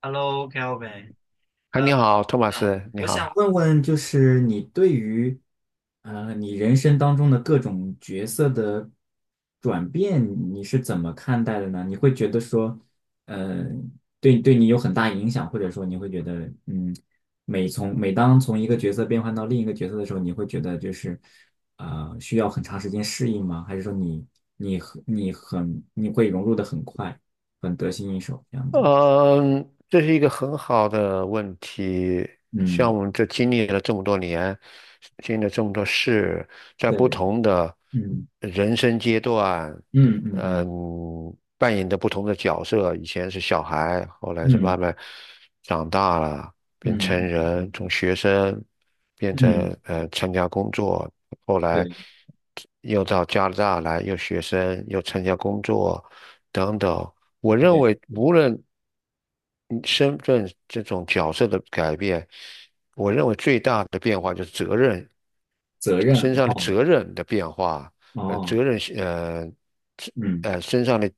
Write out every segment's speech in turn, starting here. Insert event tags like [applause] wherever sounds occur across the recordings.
Hello,Kelvin,嗨，呃，你好，托马嗯，斯，你想好。问问，就是你对于你人生当中的各种角色的转变，你是怎么看待的呢？你会觉得说，呃，对你有很大影响，或者说你会觉得，嗯，每当从一个角色变换到另一个角色的时候，你会觉得就是需要很长时间适应吗？还是说你会融入的很快，很得心应手这样子？嗯，这是一个很好的问题。像嗯，我们这经历了这么多年，经历了这么多事，在不对，同的嗯。人生阶段，嗯嗯，嗯扮演着不同的角色。以前是小孩，后来是嗯慢慢长大了，变成嗯嗯人，嗯从学生变嗯，成嗯嗯，参加工作，后来对又到加拿大来，又学生，又参加工作，等等。我认对，为无论嗯身份这种角色的改变，我认为最大的变化就是责任，身上的哦责任的变化，哦，责任是这嗯，身上的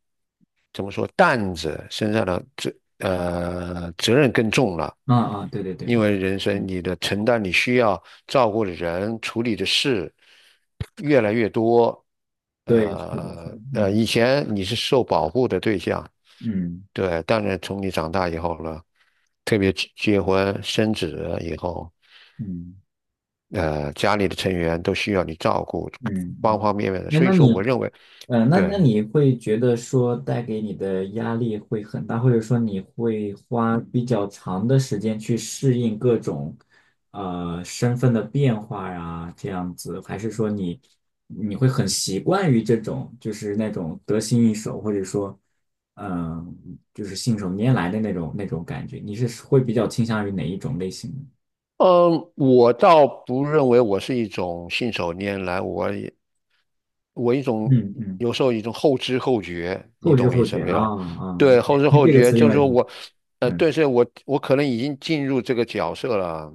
怎么说担子身上的责任更重了，啊啊，对对对因对，为人生嗯，你的承担你需要照顾的人处理的事越来越多。对，是的，是的，嗯以前你是受保护的对象，嗯对，当然从你长大以后呢，特别结婚生子以后，嗯。家里的成员都需要你照顾，嗯方嗯，方面面的。哎，所以那说，我你，认为，那对，那你会觉得说带给你的压力会很大，或者说你会花比较长的时间去适应各种身份的变化呀，这样子，还是说你会很习惯于这种就是那种得心应手，或者说嗯、呃就是信手拈来的那种感觉？你是会比较倾向于哪一种类型的？嗯，我倒不认为我是一种信手拈来，我也我一种嗯嗯，有时候一种后知后觉，你后知懂我意后思觉没啊有？啊，对，后知 [laughs] 后这个觉词就用是来说挺。我，对，嗯，是我可能已经进入这个角色了，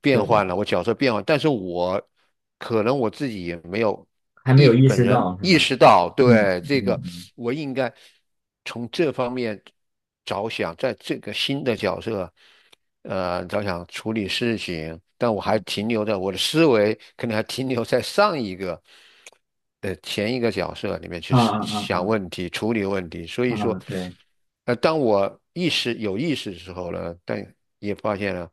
变对，换了，我角色变换，但是我可能我自己也没有还没有意本识人到是意吗？识到，嗯对，这嗯个嗯，我应该从这方面着想，在这个新的角色，着想处理事情，但我还停留在我的思维，可能还停留在上一个的前一个角色里面去啊思啊想啊问题、处理问题。所以啊啊，说，对，当我有意识的时候呢，但也发现了，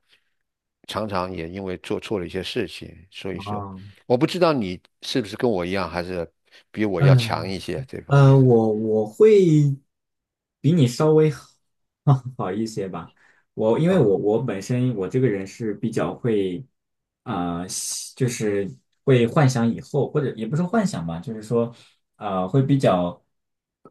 常常也因为做错了一些事情。所以啊，说，我不知道你是不是跟我一样，还是比我要强嗯一些这方面我会比你稍微好 [laughs] 好一些吧。我因为我啊。我本身我这个人是比较会啊、呃喜就是会幻想以后，或者也不是幻想吧，就是说会比较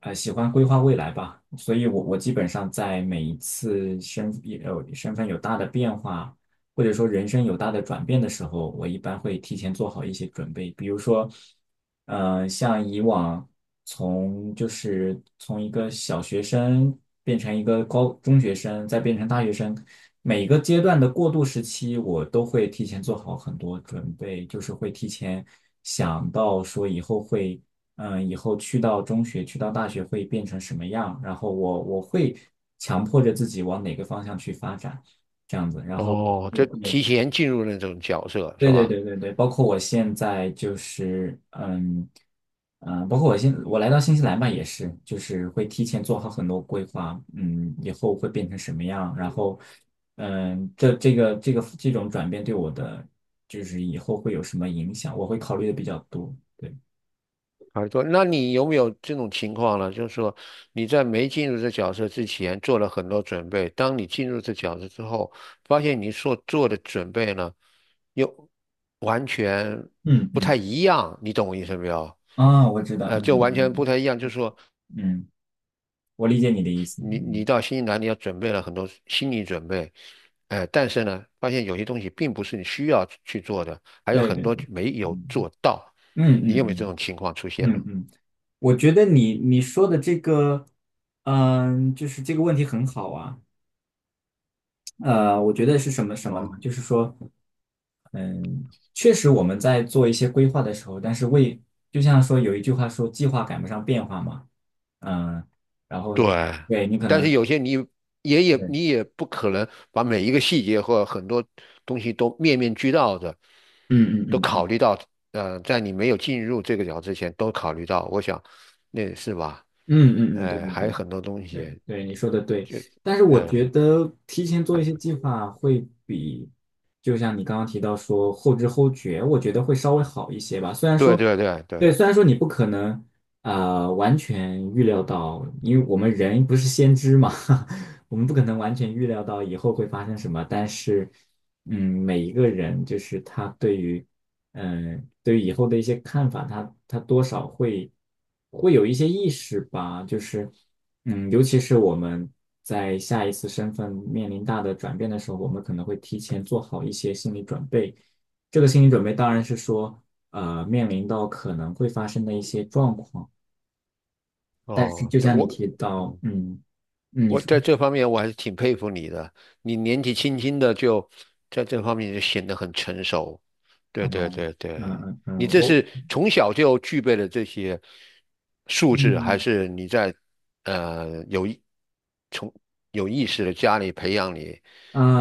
喜欢规划未来吧。所以我基本上在每一次身份有大的变化，或者说人生有大的转变的时候，我一般会提前做好一些准备。比如说，像以往就是从一个小学生变成一个高中学生，再变成大学生，每一个阶段的过渡时期，我都会提前做好很多准备，就是会提前想到说以后会。以后去到中学、去到大学会变成什么样？然后我会强迫着自己往哪个方向去发展。这样子。然后哦，我，就提前进入那种角色是对对吧？对对对对，包括我现在就是包括我来到新西兰吧，也是就是会提前做好很多规划，以后会变成什么样，然后这种转变对我的就是以后会有什么影响，我会考虑的比较多。对，耳朵，那你有没有这种情况呢？就是说，你在没进入这角色之前做了很多准备，当你进入这角色之后，发现你所做的准备呢，又完全嗯不太嗯，一样，你懂我意思没有？啊，我知道，嗯就完全嗯不太一样。就是说嗯，我理解你的意思，你嗯，到新西兰，你要准备了很多心理准备，但是呢，发现有些东西并不是你需要去做的，还有对很对多对，没有嗯做到。嗯你嗯有没有这嗯。种情况出现嗯呢？嗯，我觉得你说的这个，就是这个问题很好啊。我觉得是什么什么呢？哦。就是说，嗯，确实我们在做一些规划的时候，但是就像说有一句话说计划赶不上变化嘛，嗯，然后，对，对，你可但能，是有些对，你也不可能把每一个细节或很多东西都面面俱到的嗯都嗯考嗯。虑到，在你没有进入这个角之前都考虑到，我想那是吧？嗯嗯嗯，对对还有对，很多东对西，对，你说的对。就但是我呃，觉得提前做一些计划会比，就像你刚刚提到说后知后觉，我觉得会稍微好一些吧。虽然对说，对对对，对，虽然说你不可能完全预料到，因为我们人不是先知嘛，[laughs] 我们不可能完全预料到以后会发生什么。但是，每一个人就是他对于，对于以后的一些看法，他多少会有一些意识吧，就是，尤其是我们在下一次身份面临大的转变的时候，我们可能会提前做好一些心理准备。这个心理准备当然是说，面临到可能会发生的一些状况，但是哦，就像你提到，嗯。嗯，你我说，在这方面我还是挺佩服你的，你年纪轻轻的就在这方面就显得很成熟。啊、对对嗯对对，嗯你嗯，这我，是从小就具备了这些素质，还嗯是你在呃有意从有意识的家里培养你，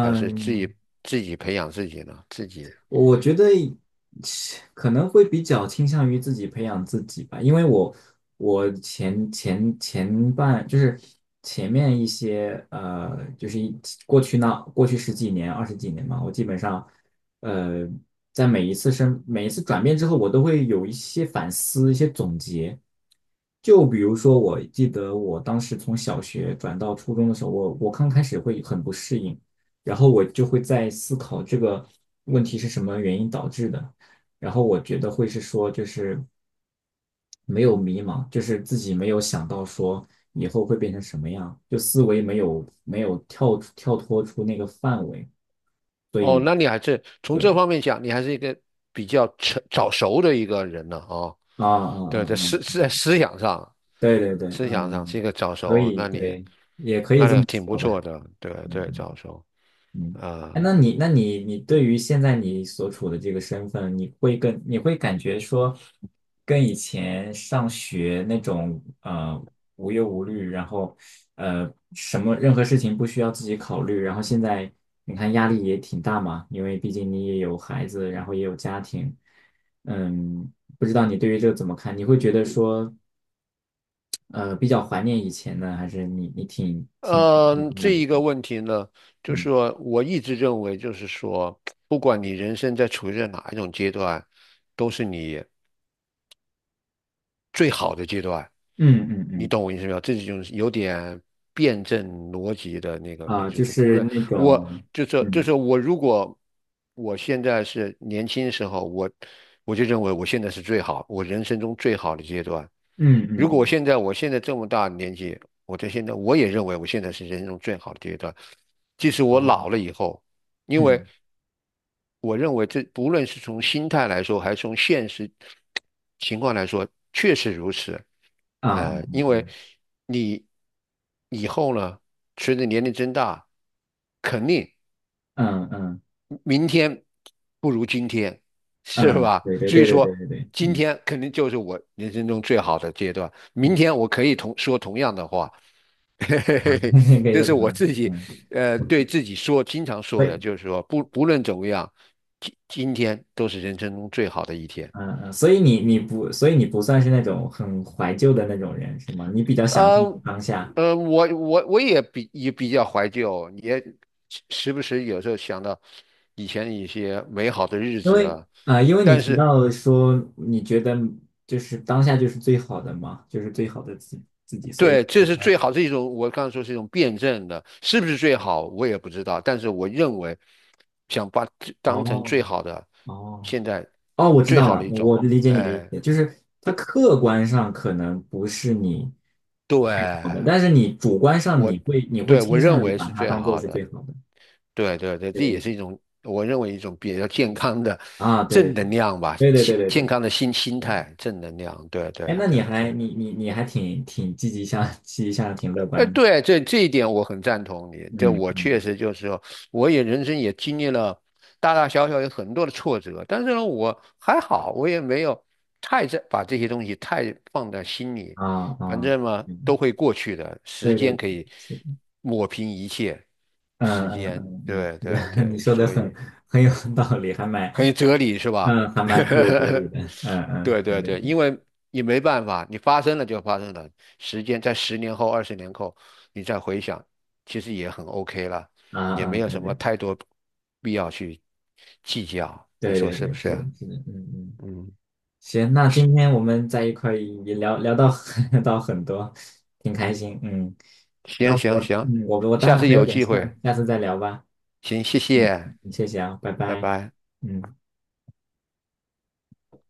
还是自己培养自己呢？自己。我觉得可能会比较倾向于自己培养自己吧，因为我我前前前半就是前面一些就是一过去那过去十几年、二十几年嘛，我基本上呃，在每一次转变之后，我都会有一些反思、一些总结。就比如说，我记得我当时从小学转到初中的时候，我刚开始会很不适应。然后我就会在思考这个问题是什么原因导致的，然后我觉得会是说就是没有迷茫，就是自己没有想到说以后会变成什么样，就思维没有跳脱出那个范围，所哦，以，那你还是从这对，方面讲，你还是一个比较早熟的一个人呢啊、啊啊啊对，在啊，是在思想上，对对对，思想上是嗯，一个早可熟，以，对，也可以那这你么挺不说错吧。的，对对，早熟嗯，啊，哎，那你对于现在你所处的这个身份，你会感觉说，跟以前上学那种无忧无虑，然后什么任何事情不需要自己考虑，然后现在你看压力也挺大嘛，因为毕竟你也有孩子，然后也有家庭，嗯，不知道你对于这个怎么看？你会觉得说，比较怀念以前呢，还是你挺挺挺开嗯，心这的？一个问题呢，就是嗯说我一直认为，就是说，不管你人生处于在哪一种阶段，都是你最好的阶段。嗯嗯你嗯。懂我意思没有？这就是有点辩证逻辑的那个，你啊，就就是不是论那我，种，就嗯是我，如果我现在是年轻时候，我就认为我现在是最好，我人生中最好的阶段。嗯嗯如果嗯，我现在这么大的年纪，我在现在我也认为我现在是人生中最好的阶段。即使我哦，老了以后，因为嗯，我认为这不论是从心态来说，还是从现实情况来说，确实如此。啊，因为你以后呢，随着年龄增大，肯定嗯嗯嗯明天不如今天，是嗯，吧？对对所以对对对说，对对，今嗯天肯定就是我人生中最好的阶段。明嗯，天我可以说同样的话，[laughs] 嘿嘿嘿 [laughs] 嘿，可以这说是怎么我样，自己，嗯，对自己说，经常说对，的，就是说，不论怎么样，今天都是人生中最好的一天。嗯嗯，所以你，你不，所以你不算是那种很怀旧的那种人，是吗？你比较享受呃，当下，我也比较怀旧，也时不时有时候想到以前一些美好的日因子为啊，因为你但提是到说你觉得就是当下就是最好的嘛，就是最好的自己，所以对，这我是才，最好，是一种我刚才说是一种辩证的，是不是最好我也不知道，但是我认为想把这当成哦最好的，哦。现在哦，我知最道好了，的一种，我理解你的意哎，思，就是它客观上可能不是你最好的，对，但是你主观上我你会对我倾认向于为把是它最当做好是的，最好的，对对对，这这个意也思是一种我认为一种比较健康的啊？对对正对能量吧，对对心对对健对康的心对，态，正能量，对对哎，那对你对。还你你你还挺积极向 [laughs] 积极向上，挺乐观的，对，这一点我很赞同你。这嗯我嗯，确实就是说，我也人生也经历了大大小小有很多的挫折，但是呢，我还好，我也没有太在把这些东西太放在心里，啊反啊，正嘛都嗯，会过去的，时对间对，可以是的，抹平一切，嗯时嗯间，嗯嗯，对是对的 [laughs] 你对，说的所很以。很有道理，还蛮很有哲理是吧？嗯还蛮富有哲理 [laughs] 的，嗯嗯，对对对对对，对，因为你没办法，你发生了就发生了，时间在十年后、20年后，你再回想，其实也很 OK 了，啊也啊，没有对什么对。太多必要去计较，你对说对是不对，是是？的，是的，嗯嗯，嗯，行，那今天我们在一块儿也聊聊到 [laughs] 到很多，挺开心，嗯，那行行我行，嗯我我待下会儿次还有有点机事会，儿，下次再聊吧，行，谢嗯，谢，谢谢啊，拜拜拜，拜。嗯。